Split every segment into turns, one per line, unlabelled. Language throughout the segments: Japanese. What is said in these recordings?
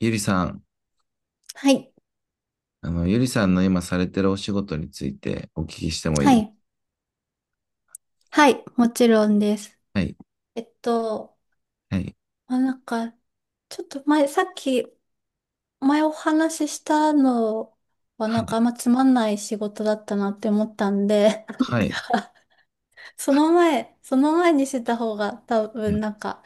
ゆりさん、
はい。
ゆりさんの今されてるお仕事についてお聞きしてもいい
は
ですか？
い。はい。もちろんです。
はい、
えっと、
はい、
まあ、なんか、ちょっと前、さっき、前お話ししたのは、
は
なん
い、
かあんまつまんない仕事だったなって思ったんで、なん
はい、
か、その前にしてた方が多分なんか、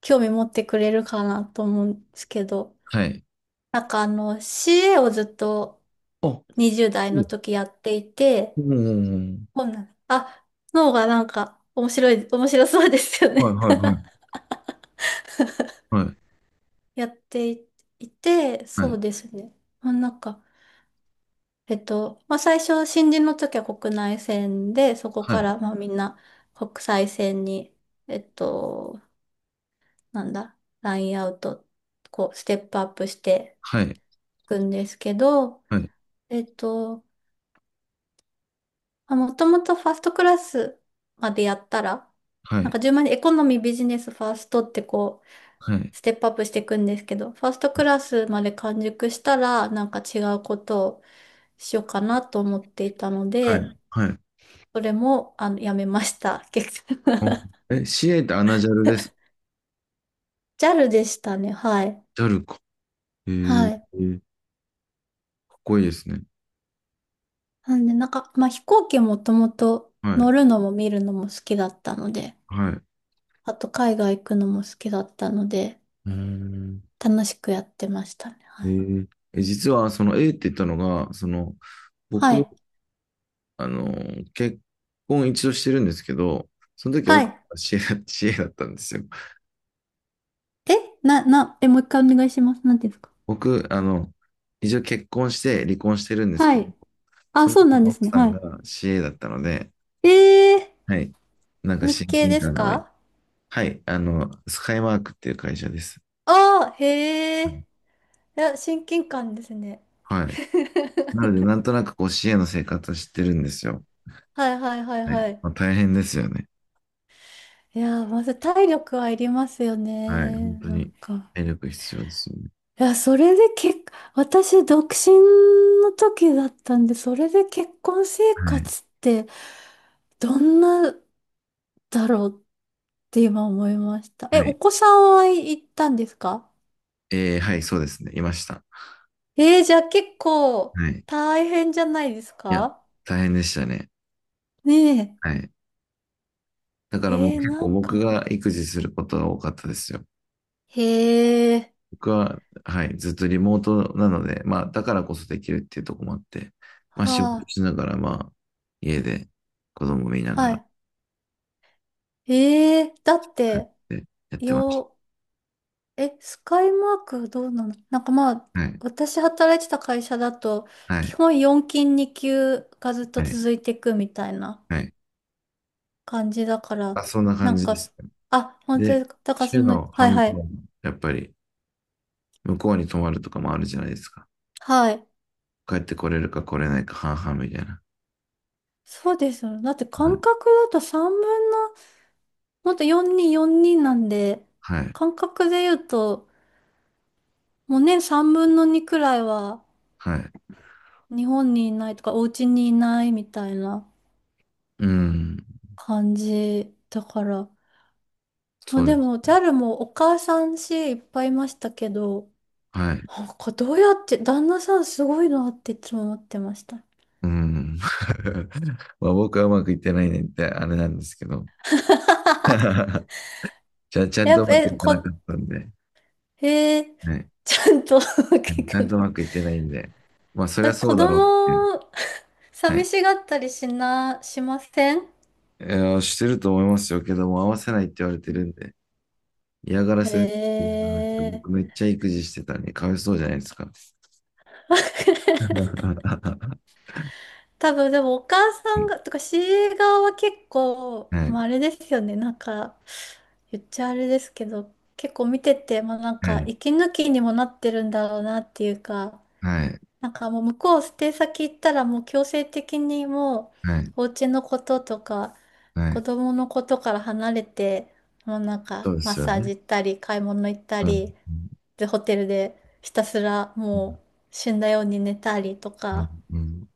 興味持ってくれるかなと思うんですけど、
はい。
なんかあの、CA をずっと
あ、
20代
う
の
ん
時やっていて、
うん。
こんなあ、の方がなんか面白い、面白そうですよ
はい、
ね。
はい、はい、
やってい、いて、
は
そ
い、
うですね。まあ、なんか、まあ、最初、新人の時は国内線で、そこから、まあ、みんな国際線に、えっと、なんだ、ラインアウト、こう、ステップアップして
はい、
いくんですけど、えっと、まあ、もともとファーストクラスまでやったら、
はい、は
なん
い、
か順番にエコノミー、ビジネス、ファーストってこう、
はい、はい、
ステップアップしていくんですけど、ファーストクラスまで完熟したら、なんか違うことを、しようかなと思っていたの
はい、
で、
はい、はい。
それも、あの、やめました。結局。
あ、 え、CA ってアナジャルです
JAL でしたね。はい。
ジャルか。えー、
はい。
えー、かっこいいですね。
なんで、なんか、まあ、飛行機もともと
は
乗
い、
るのも見るのも好きだったので、
はい。う
あと海外行くのも好きだったので、
ーん。
楽しくやってましたね。は
え
い。
ーえ、実は、その A って言ったのが、
は
僕、
い。
あの、結婚一度してるんですけど、その時
は
奥さ
い。
んが知恵だ、知恵だったんですよ。
え、え、もう一回お願いします。なんていうんですか？
僕、一応結婚して離婚してるんです
は
けど、
い。あ、そうなんで
奥
すね。
さん
は
が CA だったので、
い。
はい。なんか
日
親
系
近
です
感が湧いて。
か？
はい。スカイマークっていう会社です。
ああー、へ
う
え。
ん。
いや、親近感ですね。
はい。なので、なんとなくこう CA の生活を知ってるんですよ。
はいはいはい
はい。
はい。
まあ、大変ですよね。
いやー、まず体力はいりますよ
はい。
ね。
本当
なん
に、
か。
体力必要ですよね。
いや、それで結、私、独身の時だったんで、それで結婚生
はい。
活って、どんなだろうって今思いました。え、
は
お
い。
子さんは行ったんですか？
はい、そうですね。いました。
じゃあ結構
はい。
大変じゃないです
いや、
か？
大変でしたね。
ね
はい。だからもう
え。
結
な
構
ん
僕
か。
が育児することが多かったですよ。
へえ。
僕は、はい、ずっとリモートなので、まあ、だからこそできるっていうところもあって、まあ、仕事
はあ。
しながら、まあ、家で子供見なが
は
ら
い。ええだっ
やっ
て、
てやってまし
よ、スカイマークどうなの？なんかまあ、
た。はい、
私働いてた会社だと、
は
基
い、
本4勤2級がずっと
はい、
続いていくみたいな
はい。
感じだから、
あ、そんな
な
感
ん
じで
か、
すね。
あ、本当で
で、
すか。だからそ
週
の、
の
はい
半
は
分
い。
は、やっぱり、向こうに泊まるとかもあるじゃないですか。
はい。
帰ってこれるか来れないか半々みたいな。
そうですよね。だって
はい、
感覚だと3分の、もっと4人なんで、
はい、
感覚で言うと、もう年3分の2くらいは
はい。
日本にいないとか、お家にいないみたいな。
うん、
感じだから、ま
そ
あ、
う
で
です。
も JAL もお母さんしいっぱいいましたけど、
はい。
なんかどうやって旦那さんすごいなっていつも思ってました。
うん。まあ僕はうまくいってないねってあれなんですけど。じ ゃあちゃん
や
と
っ
う
ぱ
まく
え
いかな
こ
かったんで。
えー
はい。
ちゃんと 聞
ちゃ
か
ん
な
とう
い。
まくいってないんで。まあそり
え、
ゃそ
子
うだろうっていう。
供
は
寂
い。
しがったりしな、しません？
してると思いますよけども、合わせないって言われ
う
てるん
ん
で。嫌がらせです嫌
へ
がらせ。
え。
僕めっちゃ育児してたんで、かわいそうじゃないですか。は
多分でもお母さんが、
い。
とかシーエー側は結構、
はい。
まああれですよね、なんか、言っちゃあれですけど、結構見てて、まあなん
は
か、
い。
息抜きにもなってるんだろうなっていうか、
はい。
なんかもう向こう捨て先行ったらもう強制的にも
はい。
う、お家のこととか、
は
子
い。
供のことから離れて、もうなん
そ
か、
うで
マッ
すよ
サージ
ね。
行ったり、買い物行った
うん。うん。
り、で、ホテルでひたすらもう死んだように寝たりと
うん。
か
うん。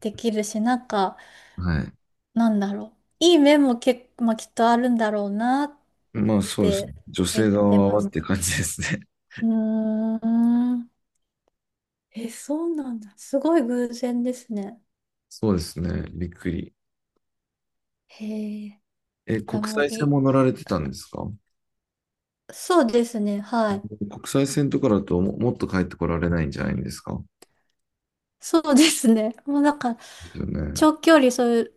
できるし、なんか、
はい。
なんだろう。いい面も結構、まあ、きっとあるんだろうなっ
まあそうですね。
て
女性
見て
側
ま
は
し
って
た。
感じですね。
うーん。え、そうなんだ。すごい偶然ですね。
そうですね。びっくり。
へえ。
え、
あ、
国
もうい
際線
い。
も乗られてたんですか？
そうですね。はい。
国際線とかだとも、もっと帰ってこられないんじゃないんですか？
そうですね。もうなんか、
ですよね。
長距離、そういう、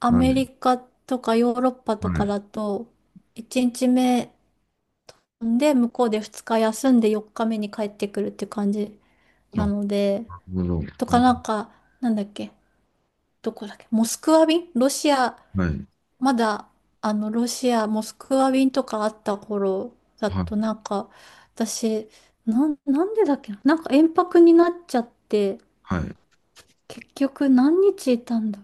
ア
は
メリ
い。
カとかヨーロッパ
は
とか
い。
だと、1日目で向こうで2日休んで4日目に帰ってくるっていう感じな
あ、
ので、
なるほど。
とかなんか、なんだっけ、どこだっけ、モスクワ便ロシア、
はい。
まだ、あの、ロシア、モスクワ便とかあった頃だ
は
と、
い。
なんか、私、なんでだっけな、なんか延泊になっちゃって、
はい。
結局何日いたんだ。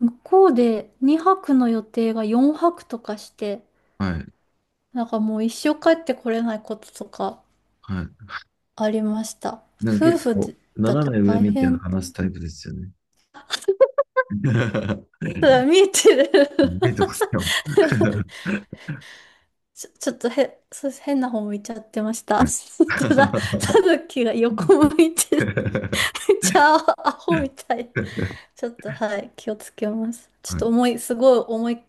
向こうで2泊の予定が4泊とかして、
はい。
なんかもう一生帰ってこれないこととか
はい。
ありました。
なんか
夫
結
婦
構、
だと
斜め上
大
見て
変。
話すタイプですよね。
そうだ、見えてる。
見えてま すよ。
ちょっとへ、そう変な方向いちゃってまし た。
はい。
本当だ、た ぬきが横向いてる。ちゃあ、アホみたい。ちょっと、はい、気をつけます。ちょっ
は
と
い。
重い、すごい重い、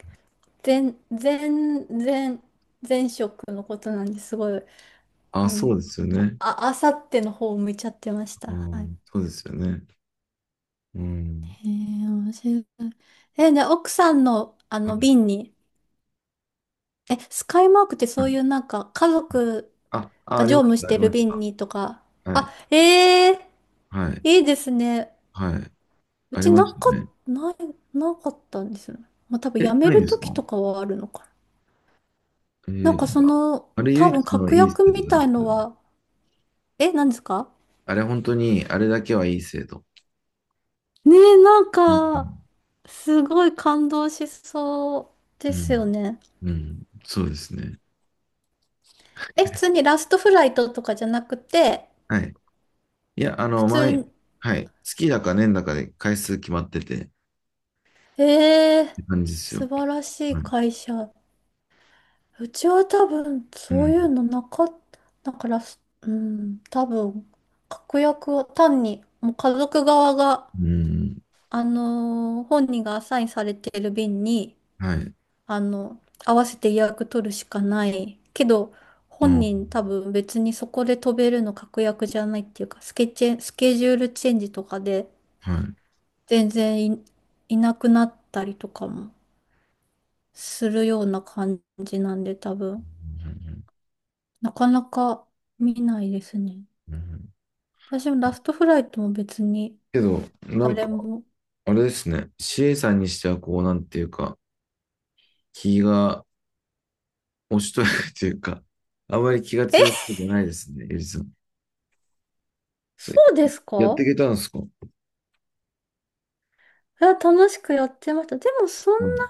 全、全、全、前職のことなんですごい、あ
あ、
の、
そうですよね。
あ、あさっての方向いちゃってました。
う
はい。
ん、そうですよね。うん。
へえ、面白い。え、ね、奥さんの、あ
は
の、
い。
瓶に、え、スカイマークって
は
そうい
い。
うなんか、家族
あ、あ、あ
が
り
乗
まし
務し
た、あ
て
り
る
まし
瓶
た。
にとか、
はい、
あ、ええ
はい、
いいですね。
はい、
う
あり
ち
ま
な
し
か、
たね。
ない、なかったんですよね。まあ多分辞
え、
め
ないん
る
です
時
か？
とかはあるのかな。なん
な
か
ん
そ
か、
の、
あれ唯
多分
一の
確
いい
約
生徒
み
なん
た
で
い
すけ
の
どね。
は、え、何ですか？
あれ本当に、あれだけはいい生徒。
ねえ、なん
うん、
か、すごい感動しそうで
う
すよ
ん、
ね。
うん、そうですね。
え、普通にラストフライトとかじゃなくて、
はい。いや、
普通
前、
に、
はい、月だか年だかで回数決まってて、っ
えー、
て感じですよ。
素晴らし
は
い
い。
会社。うちは多分、
う
そういう
ん、
のなかった。だから、すうん、多分、確約を単に、もう家族側が、
うん、
本人がアサインされている便に、
はい。
あの、合わせて予約取るしかない。けど、
う
本
ん、
人多分別にそこで飛べるの確約じゃないっていうか、スケジュールチェンジとかで、
はい。うん、
全然いなくなったりとかもするような感じなんで、多分、なかなか見ないですね。
うん、うん、
私もラストフライトも別に
けど、なん
誰
か、
も。
あれですね。CA さんにしては、こう、なんていうか、気が押しとやかというか、あまり気が
え、
強くないですね、ゆりさん。そ
そ
れ
うです
やってい
か？
けたんですか？
いや楽しくやってました。でもそん
うん。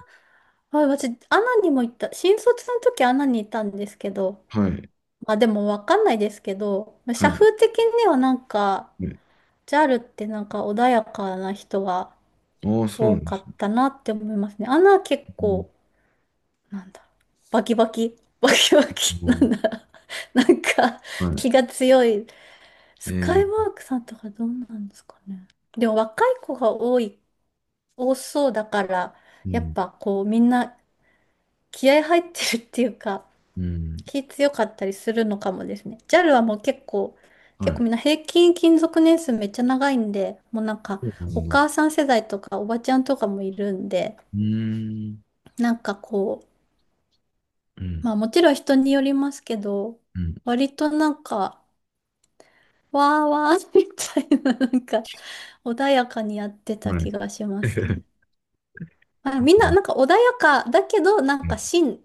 な、あ、私、アナにも行った。新卒の時アナにいたんですけど、
はい。
まあでもわかんないですけど、
は
社
い。
風的にはなんか、
ね。
ジャルってなんか穏やかな人が
ああ、そうな
多
んで
か
す
っ
ね。
たなって思いますね。アナは結構、
う
なんだ、バキバキ、バキバキ、な
ん、
んだ、なんか
うん、は
気が強い。
い。
スカイ
ー、
ワークさんとかどうなんですかね。でも若い子が多そうだから、
う
やっ
ん。
ぱこうみんな気合入ってるっていうか、
うん。
気強かったりするのかもですね。JAL はもう結構、
は
結構
い。
みんな平均勤続年数めっちゃ長いんで、もうなんか
そうな
お
んだ。う
母さん世代とかおばちゃんとかもいるんで、
ーん。
なんかこう、
うん。
まあもちろん人によりますけど、
うん。
割となんか、わーわーみたいな、なんか穏やかにやってた
は
気
い。
がしますね。まあ、みんな、なんか 穏やかだけど、なんか芯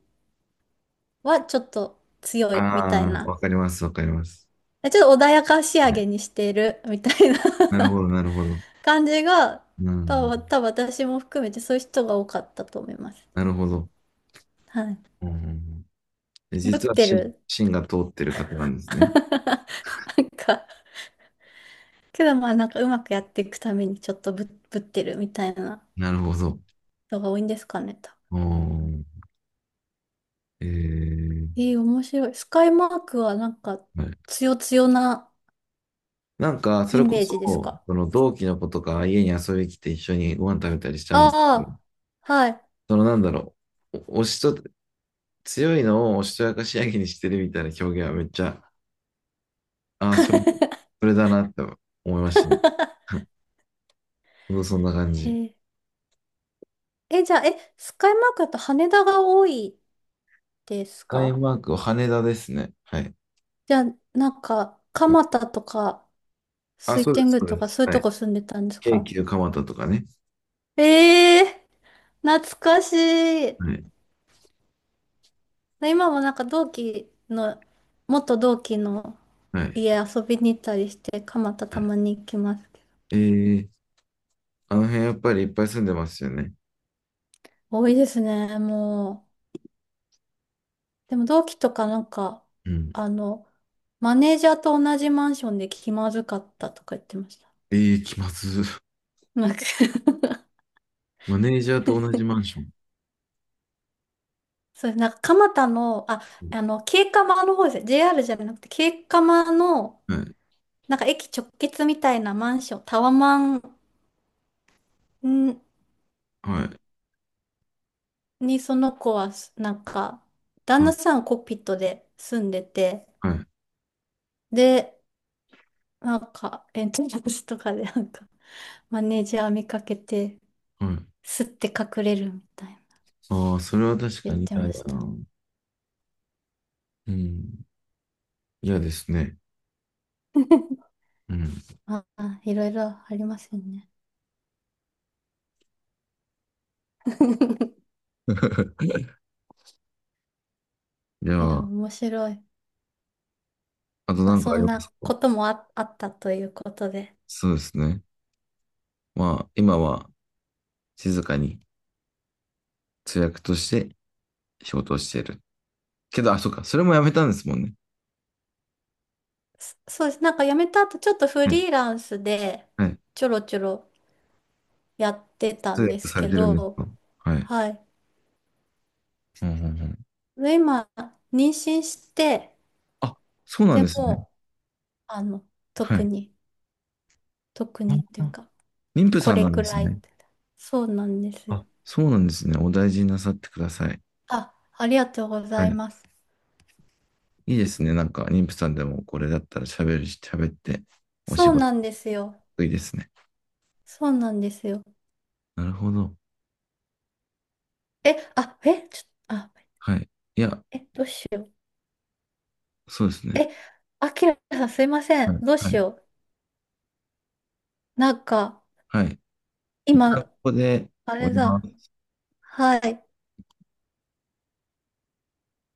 はちょっと強い
あ
みたい
あ、
な。
わかります、わかります。
ちょっと穏やか仕上
ね。
げにしてるみたいな
なるほど、なるほど。
感じが、
う
多分、
ん。
多分私も含めてそういう人が多かったと思います。
なるほど。
はい。
うん。で、
ぶっ
実は
てる。
芯が通ってる方なんですね。
なんか、けどまあなんかうまくやっていくためにちょっとぶってるみたいな
なるほど。
人が多いんですかねと。
おー。えー
面白い。スカイマークはなんか
はい、
強強な
なんか、そ
イ
れこ
メー
そ、
ジですか？
その同期の子とか家に遊びに来て一緒にご飯食べたりした
あ
んですけど、
あー、はい。
なんだろう、おおしと、強いのをおしとやかしやきにしてるみたいな表現はめっちゃ、ああ、それだなって思いましたね。そう、そんな感
へ
じ。
え、えじゃあ、え、スカイマークだと羽田が多いです
スカイ
か？
マークは羽田ですね。はい。
じゃあ、なんか、蒲田とか、
あ、
水
そうで
天
す、
宮
そう
と
で
か、
す。
そういう
は
と
い。
こ住んでたんです
京
か？
急蒲田とかね。
ええー懐かしい。
はい。
今もなんか同期の、元同期の
はい。
家遊びに行ったりして、蒲田
は
た
い。
まに行きますけど。
えーあの辺やっぱりいっぱい住んでますよね。
多いですね、もう。でも同期とかなんか、
うん。
あの、マネージャーと同じマンションで気まずかったとか言ってました。
ええ、気まず。
なんか
マネージャーと同じマンション。
そう、なんか蒲田の、あ、あの、京釜の方ですね。JR じゃなくて、京釜の、
はい。
なんか駅直結みたいなマンション、タワマンん
はい。
にその子は、なんか、旦
は
那
い。
さんコックピットで住んでて、
はい。
で、なんか、エントランスとかで、なんか、マネージャー見かけて、
はい。
すって隠れるみたいな。
ああー、それは確か
言っ
に
て
嫌
まし
だ
た。
な。うん。嫌ですね。うん。
ああ、いろいろありますよね。
じゃ
いや、
あ、
面白い。
あと
まあ、
何か
そ
あり
ん
ます
な
か？
こともあ、あったということで。
そうですね。まあ、今は静かに通訳として仕事をしている。けど、あ、そうか。それもやめたんですもんね。
そうです。なんか辞めた後、ちょっとフ
はい。
リーランスで
はい。
ちょろちょろやってた
通
んで
訳
す
され
け
てるんです
ど、
か？はい。
はい。
うん、うん、うん。
で、今、妊娠して、
あ、そうなん
で
ですね。
も、あの、
は
特
い。
に、特にっ
あ、
ていうか、
妊婦
こ
さん
れ
なん
く
です
らいっ
ね。
て。そうなんですよ。
あ、そうなんですね。お大事になさってください。
あ、ありがとうござ
は
い
い。
ます。
いいですね。なんか、妊婦さんでもこれだったら喋るし、喋って、お仕
そう
事
なんですよ。
得意ですね。
そうなんですよ。
なるほど。
え、あ、え、あ、
はい。いや、
え、どうしよ
そうです
う。
ね。
え、あきらさんすいませ
は
ん。
い。
どう
は
し
い。
よう。なんか、
はい。一旦こ
今、
こで
あれ
終わ
だ。
ります。
はい。